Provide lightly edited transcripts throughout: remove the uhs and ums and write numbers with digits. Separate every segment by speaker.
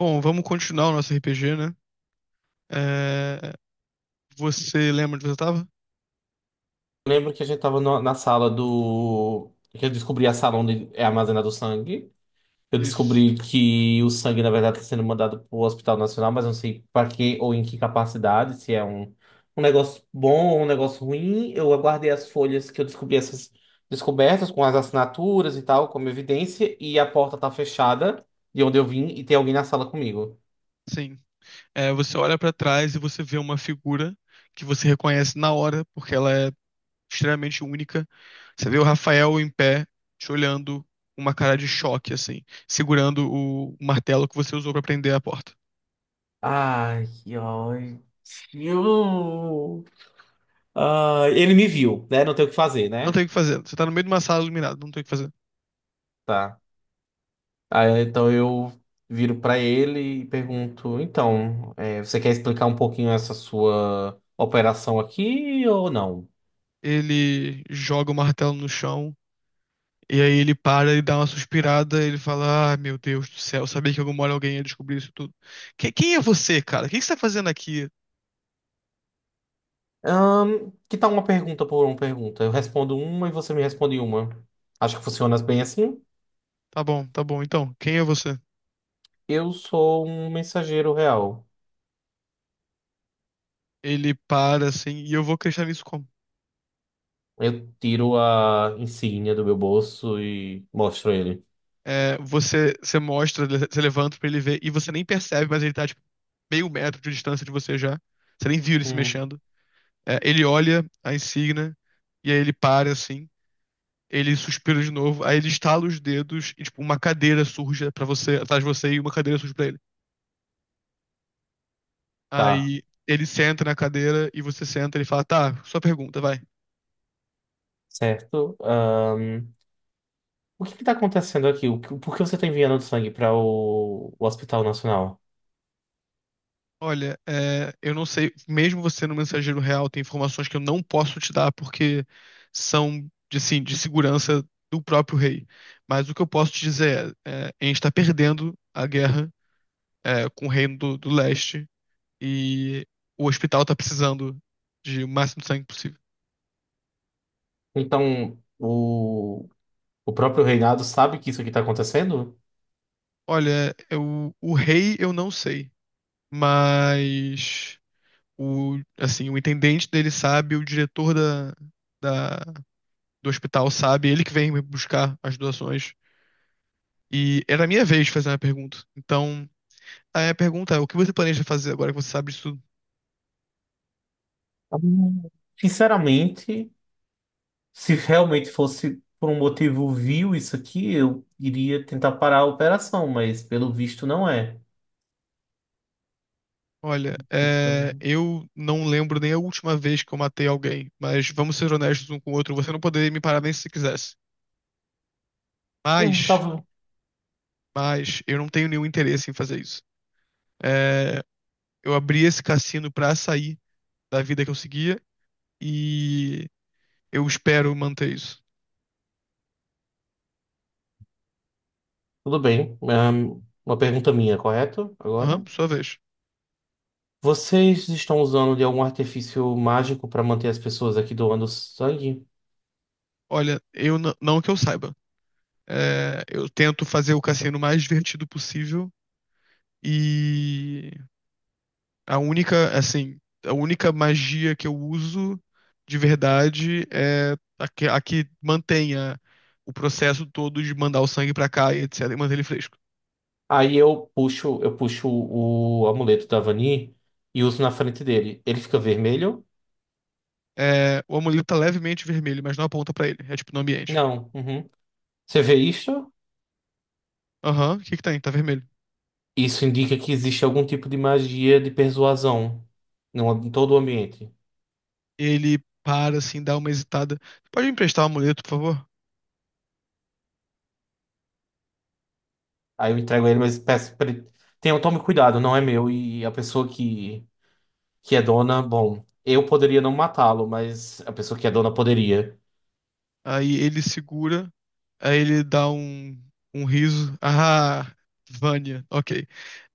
Speaker 1: Bom, vamos continuar o nosso RPG, né? É, Você lembra onde você estava?
Speaker 2: Eu lembro que a gente tava na sala do. Que eu descobri a sala onde é armazenado o sangue. Eu
Speaker 1: Isso.
Speaker 2: descobri que o sangue, na verdade, está sendo mandado para o Hospital Nacional, mas não sei para que ou em que capacidade, se é um negócio bom ou um negócio ruim. Eu aguardei as folhas que eu descobri essas descobertas com as assinaturas e tal, como evidência, e a porta tá fechada de onde eu vim e tem alguém na sala comigo.
Speaker 1: Sim. Você olha pra trás e você vê uma figura que você reconhece na hora, porque ela é extremamente única. Você vê o Rafael em pé, te olhando, uma cara de choque, assim, segurando o martelo que você usou pra prender a porta.
Speaker 2: Ai, que ódio. Ai, ele me viu, né? Não tem o que fazer,
Speaker 1: Não
Speaker 2: né?
Speaker 1: tem o que fazer. Você tá no meio de uma sala iluminada, não tem o que fazer.
Speaker 2: Tá. Aí, então eu viro para ele e pergunto: então, você quer explicar um pouquinho essa sua operação aqui ou não?
Speaker 1: Ele joga o martelo no chão. E aí ele para e dá uma suspirada, ele fala: Ah, meu Deus do céu, eu sabia que em alguma hora alguém ia descobrir isso tudo. Quem é você, cara? O que que você tá fazendo aqui?
Speaker 2: Que tal uma pergunta por uma pergunta? Eu respondo uma e você me responde uma. Acho que funciona bem assim.
Speaker 1: Tá bom, então, quem é você?
Speaker 2: Eu sou um mensageiro real.
Speaker 1: Ele para assim, e eu vou acreditar nisso como?
Speaker 2: Eu tiro a insígnia do meu bolso e mostro ele.
Speaker 1: É, você, você mostra, você levanta pra ele ver, e você nem percebe, mas ele tá tipo meio metro de distância de você já. Você nem viu ele se
Speaker 2: Hum,
Speaker 1: mexendo. É, ele olha a insígnia, e aí ele para assim, ele suspira de novo, aí ele estala os dedos, e tipo, uma cadeira surge pra você, atrás de você, e uma cadeira surge pra ele.
Speaker 2: tá,
Speaker 1: Aí ele senta na cadeira e você senta, ele fala, tá, sua pergunta, vai.
Speaker 2: certo. O que que tá acontecendo aqui? Por que você tá enviando sangue para o Hospital Nacional?
Speaker 1: Olha, é, eu não sei, mesmo você no mensageiro real, tem informações que eu não posso te dar porque são, de, assim, de segurança do próprio rei. Mas o que eu posso te dizer é, a gente está perdendo a guerra é, com o reino do leste e o hospital está precisando de o máximo de sangue possível.
Speaker 2: Então, o próprio reinado sabe que isso aqui está acontecendo?
Speaker 1: Olha, eu, o rei eu não sei, mas o, assim, o intendente dele sabe, o diretor da- do hospital sabe, ele que vem me buscar as doações. E era a minha vez de fazer uma pergunta. Então, a pergunta é: o que você planeja fazer agora que você sabe disso tudo?
Speaker 2: Hum, Sinceramente, se realmente fosse por um motivo vil isso aqui, eu iria tentar parar a operação, mas pelo visto não é.
Speaker 1: Olha, é,
Speaker 2: Então,
Speaker 1: eu não lembro nem a última vez que eu matei alguém, mas vamos ser honestos um com o outro, você não poderia me parar nem se você quisesse.
Speaker 2: hum,
Speaker 1: Mas,
Speaker 2: tava-
Speaker 1: mas, eu não tenho nenhum interesse em fazer isso. É, eu abri esse cassino pra sair da vida que eu seguia e eu espero manter isso.
Speaker 2: tudo bem. Uma pergunta minha, correto?
Speaker 1: Aham,
Speaker 2: Agora.
Speaker 1: sua vez.
Speaker 2: Vocês estão usando de algum artifício mágico para manter as pessoas aqui doando sangue?
Speaker 1: Olha, eu não que eu saiba. É, eu tento fazer o cassino mais divertido possível e a única, assim, a única magia que eu uso de verdade é a que mantenha o processo todo de mandar o sangue pra cá e etc, e manter ele fresco.
Speaker 2: Aí eu puxo o amuleto da Vani e uso na frente dele. Ele fica vermelho?
Speaker 1: É, o amuleto tá levemente vermelho, mas não aponta pra ele. É tipo no ambiente.
Speaker 2: Não. Uhum. Você vê isso?
Speaker 1: Aham, o que que tem? Tá vermelho.
Speaker 2: Isso indica que existe algum tipo de magia de persuasão no, em todo o ambiente.
Speaker 1: Ele para, assim, dá uma hesitada. Pode me emprestar o amuleto, por favor?
Speaker 2: Aí eu entrego ele, mas peço pra ele. Tome cuidado, não é meu. E a pessoa que é dona, bom, eu poderia não matá-lo, mas a pessoa que é dona poderia.
Speaker 1: Aí ele segura, aí ele dá um riso. Ah, Vânia, ok.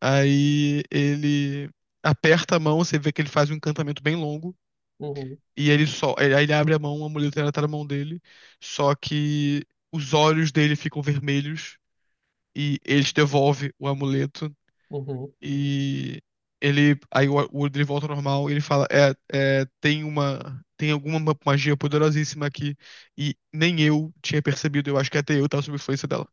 Speaker 1: Aí ele aperta a mão, você vê que ele faz um encantamento bem longo,
Speaker 2: Uhum,
Speaker 1: e ele só, aí ele abre a mão, a mulher tá na mão dele, só que os olhos dele ficam vermelhos e ele te devolve o amuleto
Speaker 2: uhum.
Speaker 1: e ele. Aí o Woodley volta ao normal e ele fala: É, é, tem uma. Tem alguma magia poderosíssima aqui. E nem eu tinha percebido. Eu acho que até eu tava sob influência dela.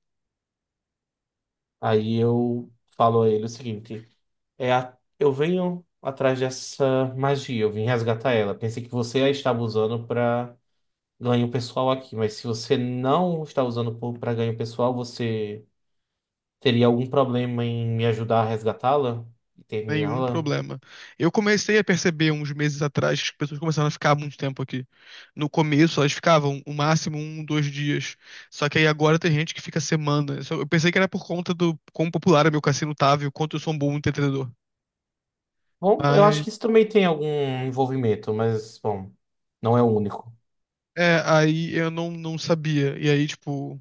Speaker 2: Aí eu falo a ele o seguinte. Eu venho atrás dessa magia, eu vim resgatar ela. Pensei que você a estava usando para ganho pessoal aqui, mas se você não está usando para ganho pessoal, você teria algum problema em me ajudar a resgatá-la e
Speaker 1: Nenhum
Speaker 2: terminá-la?
Speaker 1: problema. Eu comecei a perceber uns meses atrás que as pessoas começaram a ficar muito tempo aqui. No começo, elas ficavam o máximo um, dois dias. Só que aí agora tem gente que fica semanas. Eu pensei que era por conta do quão popular é meu cassino tava e o quanto eu sou um bom entendedor.
Speaker 2: Bom, eu acho
Speaker 1: Mas,
Speaker 2: que isso também tem algum envolvimento, mas, bom, não é o único.
Speaker 1: é, aí eu não sabia. E aí, tipo,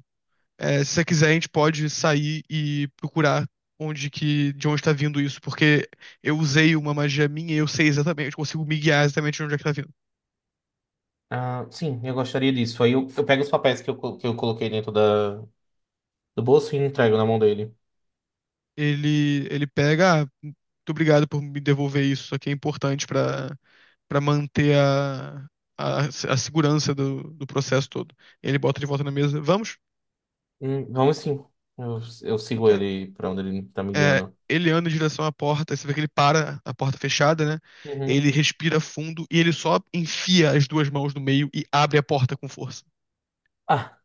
Speaker 1: é, se você quiser, a gente pode sair e procurar onde que, de onde está vindo isso, porque eu usei uma magia minha e eu sei exatamente, eu consigo me guiar exatamente de onde é que tá vindo.
Speaker 2: Ah, sim, eu gostaria disso. Aí eu pego os papéis que eu coloquei dentro do bolso e entrego na mão dele.
Speaker 1: Ele pega, ah, muito obrigado por me devolver isso, isso aqui é importante para manter a, a segurança do processo todo. Ele bota de volta na mesa, vamos?
Speaker 2: Vamos sim. Eu sigo
Speaker 1: Ok.
Speaker 2: ele para onde ele está me
Speaker 1: É,
Speaker 2: guiando.
Speaker 1: ele anda em direção à porta, você vê que ele para a porta fechada, né?
Speaker 2: Uhum.
Speaker 1: Ele respira fundo e ele só enfia as duas mãos no meio e abre a porta com força.
Speaker 2: Ah,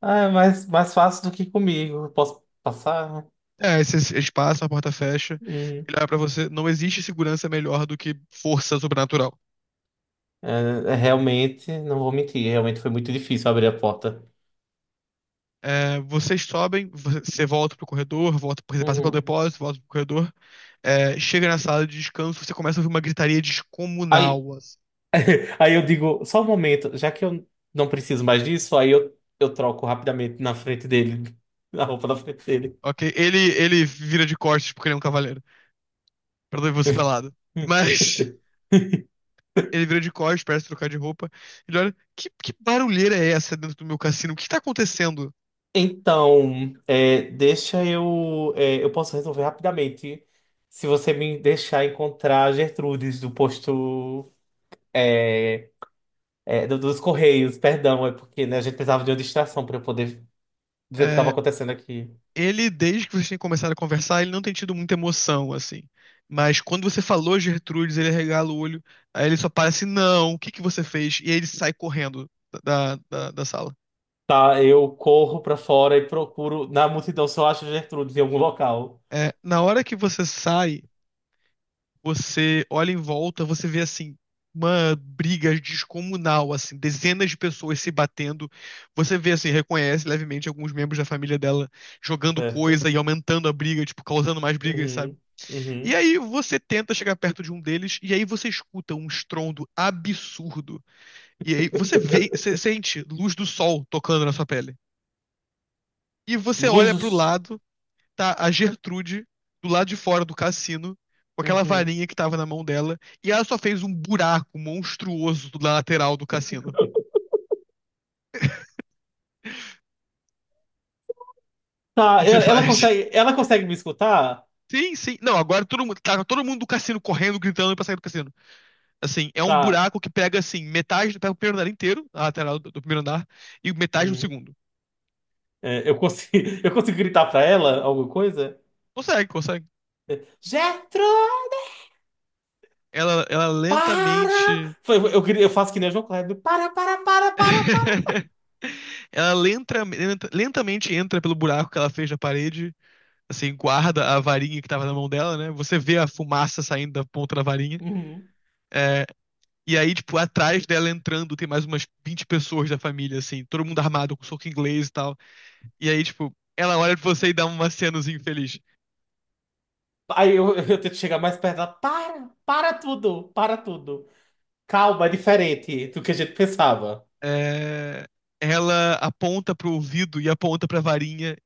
Speaker 2: ah, é mais fácil do que comigo. Posso passar?
Speaker 1: É, esse espaço, a porta fecha,
Speaker 2: Hum.
Speaker 1: ele olha pra você. Não existe segurança melhor do que força sobrenatural.
Speaker 2: É, realmente, não vou mentir, realmente foi muito difícil abrir a porta.
Speaker 1: É, vocês sobem, você volta pro corredor, volta, você passa pelo
Speaker 2: Uhum.
Speaker 1: depósito, volta pro corredor, é, chega na sala de descanso, você começa a ouvir uma gritaria
Speaker 2: Aí,
Speaker 1: descomunal, assim,
Speaker 2: aí eu digo, só um momento, já que eu não preciso mais disso, aí eu troco rapidamente na roupa da frente dele.
Speaker 1: ok? Ele vira de costas porque ele é um cavaleiro, pra não ver você pelado. Mas. Ele vira de costas, parece trocar de roupa. Ele olha, que barulheira é essa dentro do meu cassino? O que está acontecendo?
Speaker 2: Então, deixa eu. Eu posso resolver rapidamente se você me deixar encontrar a Gertrudes do posto. é, Dos Correios, perdão, é porque né, a gente precisava de uma distração para eu poder ver o que estava
Speaker 1: É,
Speaker 2: acontecendo aqui.
Speaker 1: ele, desde que vocês têm começado a conversar, ele não tem tido muita emoção, assim. Mas quando você falou Gertrudes, ele regala o olho. Aí ele só para assim, não, o que que você fez? E aí ele sai correndo da sala.
Speaker 2: Tá, eu corro para fora e procuro na multidão se eu acho Gertrudes em algum local,
Speaker 1: É, na hora que você sai, você olha em volta, você vê assim uma briga descomunal, assim, dezenas de pessoas se batendo. Você vê assim, reconhece levemente alguns membros da família dela jogando
Speaker 2: certo?
Speaker 1: coisa e aumentando a briga, tipo, causando mais brigas, sabe?
Speaker 2: Uhum,
Speaker 1: E
Speaker 2: uhum.
Speaker 1: aí você tenta chegar perto de um deles e aí você escuta um estrondo absurdo. E aí você vê, você sente luz do sol tocando na sua pele. E você
Speaker 2: Luz
Speaker 1: olha pro
Speaker 2: dos...
Speaker 1: lado, tá a Gertrude do lado de fora do cassino, com aquela
Speaker 2: Uhum.
Speaker 1: varinha que tava na mão dela, e ela só fez um buraco monstruoso na lateral do cassino. O
Speaker 2: Tá,
Speaker 1: que que você
Speaker 2: ela
Speaker 1: faz?
Speaker 2: consegue, ela consegue me escutar?
Speaker 1: Sim, sim. Não, agora todo mundo, tá todo mundo do cassino correndo, gritando pra sair do cassino. Assim, é um
Speaker 2: Tá.
Speaker 1: buraco que pega, assim, metade, pega o primeiro andar inteiro, a lateral do primeiro andar, e metade do
Speaker 2: Uhum.
Speaker 1: segundo.
Speaker 2: Eu consigo, eu consigo gritar para ela alguma coisa?
Speaker 1: Consegue, consegue.
Speaker 2: Gertrude,
Speaker 1: Ela
Speaker 2: para!
Speaker 1: lentamente.
Speaker 2: Eu faço que nem o João Kleber. Para, para, para, para, para.
Speaker 1: Ela lentamente entra pelo buraco que ela fez na parede assim, guarda a varinha que tava na mão dela, né? Você vê a fumaça saindo da ponta da varinha.
Speaker 2: Uhum.
Speaker 1: É, e aí, tipo, atrás dela entrando tem mais umas 20 pessoas da família, assim, todo mundo armado com soco inglês e tal. E aí, tipo, ela olha pra você e dá uma cenozinha infeliz.
Speaker 2: Aí eu, eu tento chegar mais perto dela. Para, para tudo, para tudo. Calma, é diferente do que a gente pensava.
Speaker 1: É, ela aponta pro ouvido e aponta pra varinha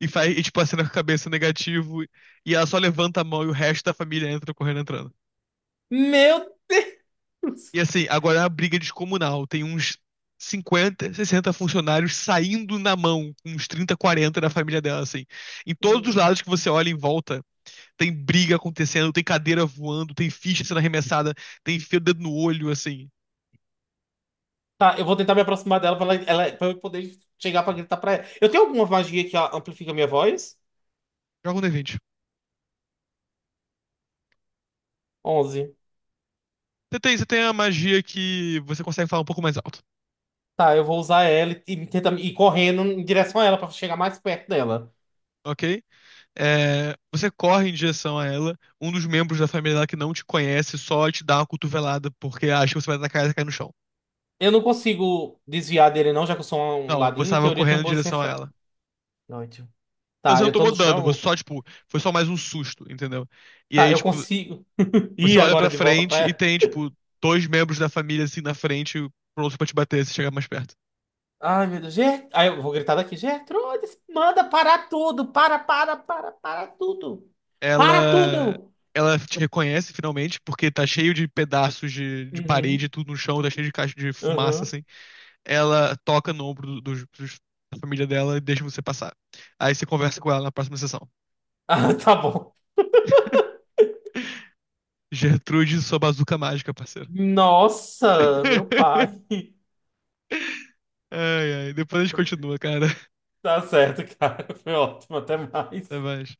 Speaker 1: e faz, e, tipo, acena com a cabeça negativo. E ela só levanta a mão e o resto da família entra correndo entrando.
Speaker 2: Meu Deus.
Speaker 1: E assim, agora é uma briga descomunal. Tem uns 50, 60 funcionários saindo na mão, com uns 30, 40 da família dela, assim. Em todos os lados que você olha em volta, tem briga acontecendo, tem cadeira voando, tem ficha sendo arremessada, tem fio o dedo no olho, assim.
Speaker 2: Tá, eu vou tentar me aproximar dela pra eu poder chegar pra gritar pra ela. Eu tenho alguma magia que amplifica a minha voz?
Speaker 1: Joga um D20.
Speaker 2: 11.
Speaker 1: Você tem a magia que você consegue falar um pouco mais alto,
Speaker 2: Tá, eu vou usar ela e tentar ir correndo em direção a ela pra chegar mais perto dela.
Speaker 1: ok? É, você corre em direção a ela, um dos membros da família dela que não te conhece só te dá uma cotovelada porque acha que você vai atacar e ela cai no chão.
Speaker 2: Eu não consigo desviar dele, não, já que eu sou um
Speaker 1: Não, você
Speaker 2: ladino. Em
Speaker 1: estava
Speaker 2: teoria, eu tenho
Speaker 1: correndo em
Speaker 2: bons
Speaker 1: direção a
Speaker 2: reflexos.
Speaker 1: ela.
Speaker 2: Noite.
Speaker 1: Você
Speaker 2: Tá,
Speaker 1: não
Speaker 2: eu tô
Speaker 1: tomou
Speaker 2: no
Speaker 1: dano, você
Speaker 2: chão.
Speaker 1: só, tipo, foi só mais um susto, entendeu? E
Speaker 2: Tá,
Speaker 1: aí,
Speaker 2: eu
Speaker 1: tipo,
Speaker 2: consigo
Speaker 1: você
Speaker 2: ir
Speaker 1: olha
Speaker 2: agora
Speaker 1: pra
Speaker 2: de volta pra
Speaker 1: frente e
Speaker 2: ela.
Speaker 1: tem, tipo, dois membros da família, assim, na frente, prontos pra te bater se chegar mais perto.
Speaker 2: Ai, meu Deus. Aí eu vou gritar daqui. Gertrudes, manda parar tudo. Para, para, para, para tudo. Para
Speaker 1: Ela.
Speaker 2: tudo.
Speaker 1: Ela te reconhece finalmente, porque tá cheio de pedaços de
Speaker 2: Uhum,
Speaker 1: parede, tudo no chão, tá cheio de caixa de fumaça,
Speaker 2: uhum.
Speaker 1: assim. Ela toca no ombro dos da família dela e deixa você passar. Aí você conversa com ela na próxima sessão.
Speaker 2: Ah, tá bom.
Speaker 1: Gertrude, sua bazuca mágica, parceiro.
Speaker 2: Nossa, meu pai.
Speaker 1: Ai, ai. Depois a gente continua, cara.
Speaker 2: Tá certo, cara. Foi ótimo. Até
Speaker 1: Até
Speaker 2: mais.
Speaker 1: mais.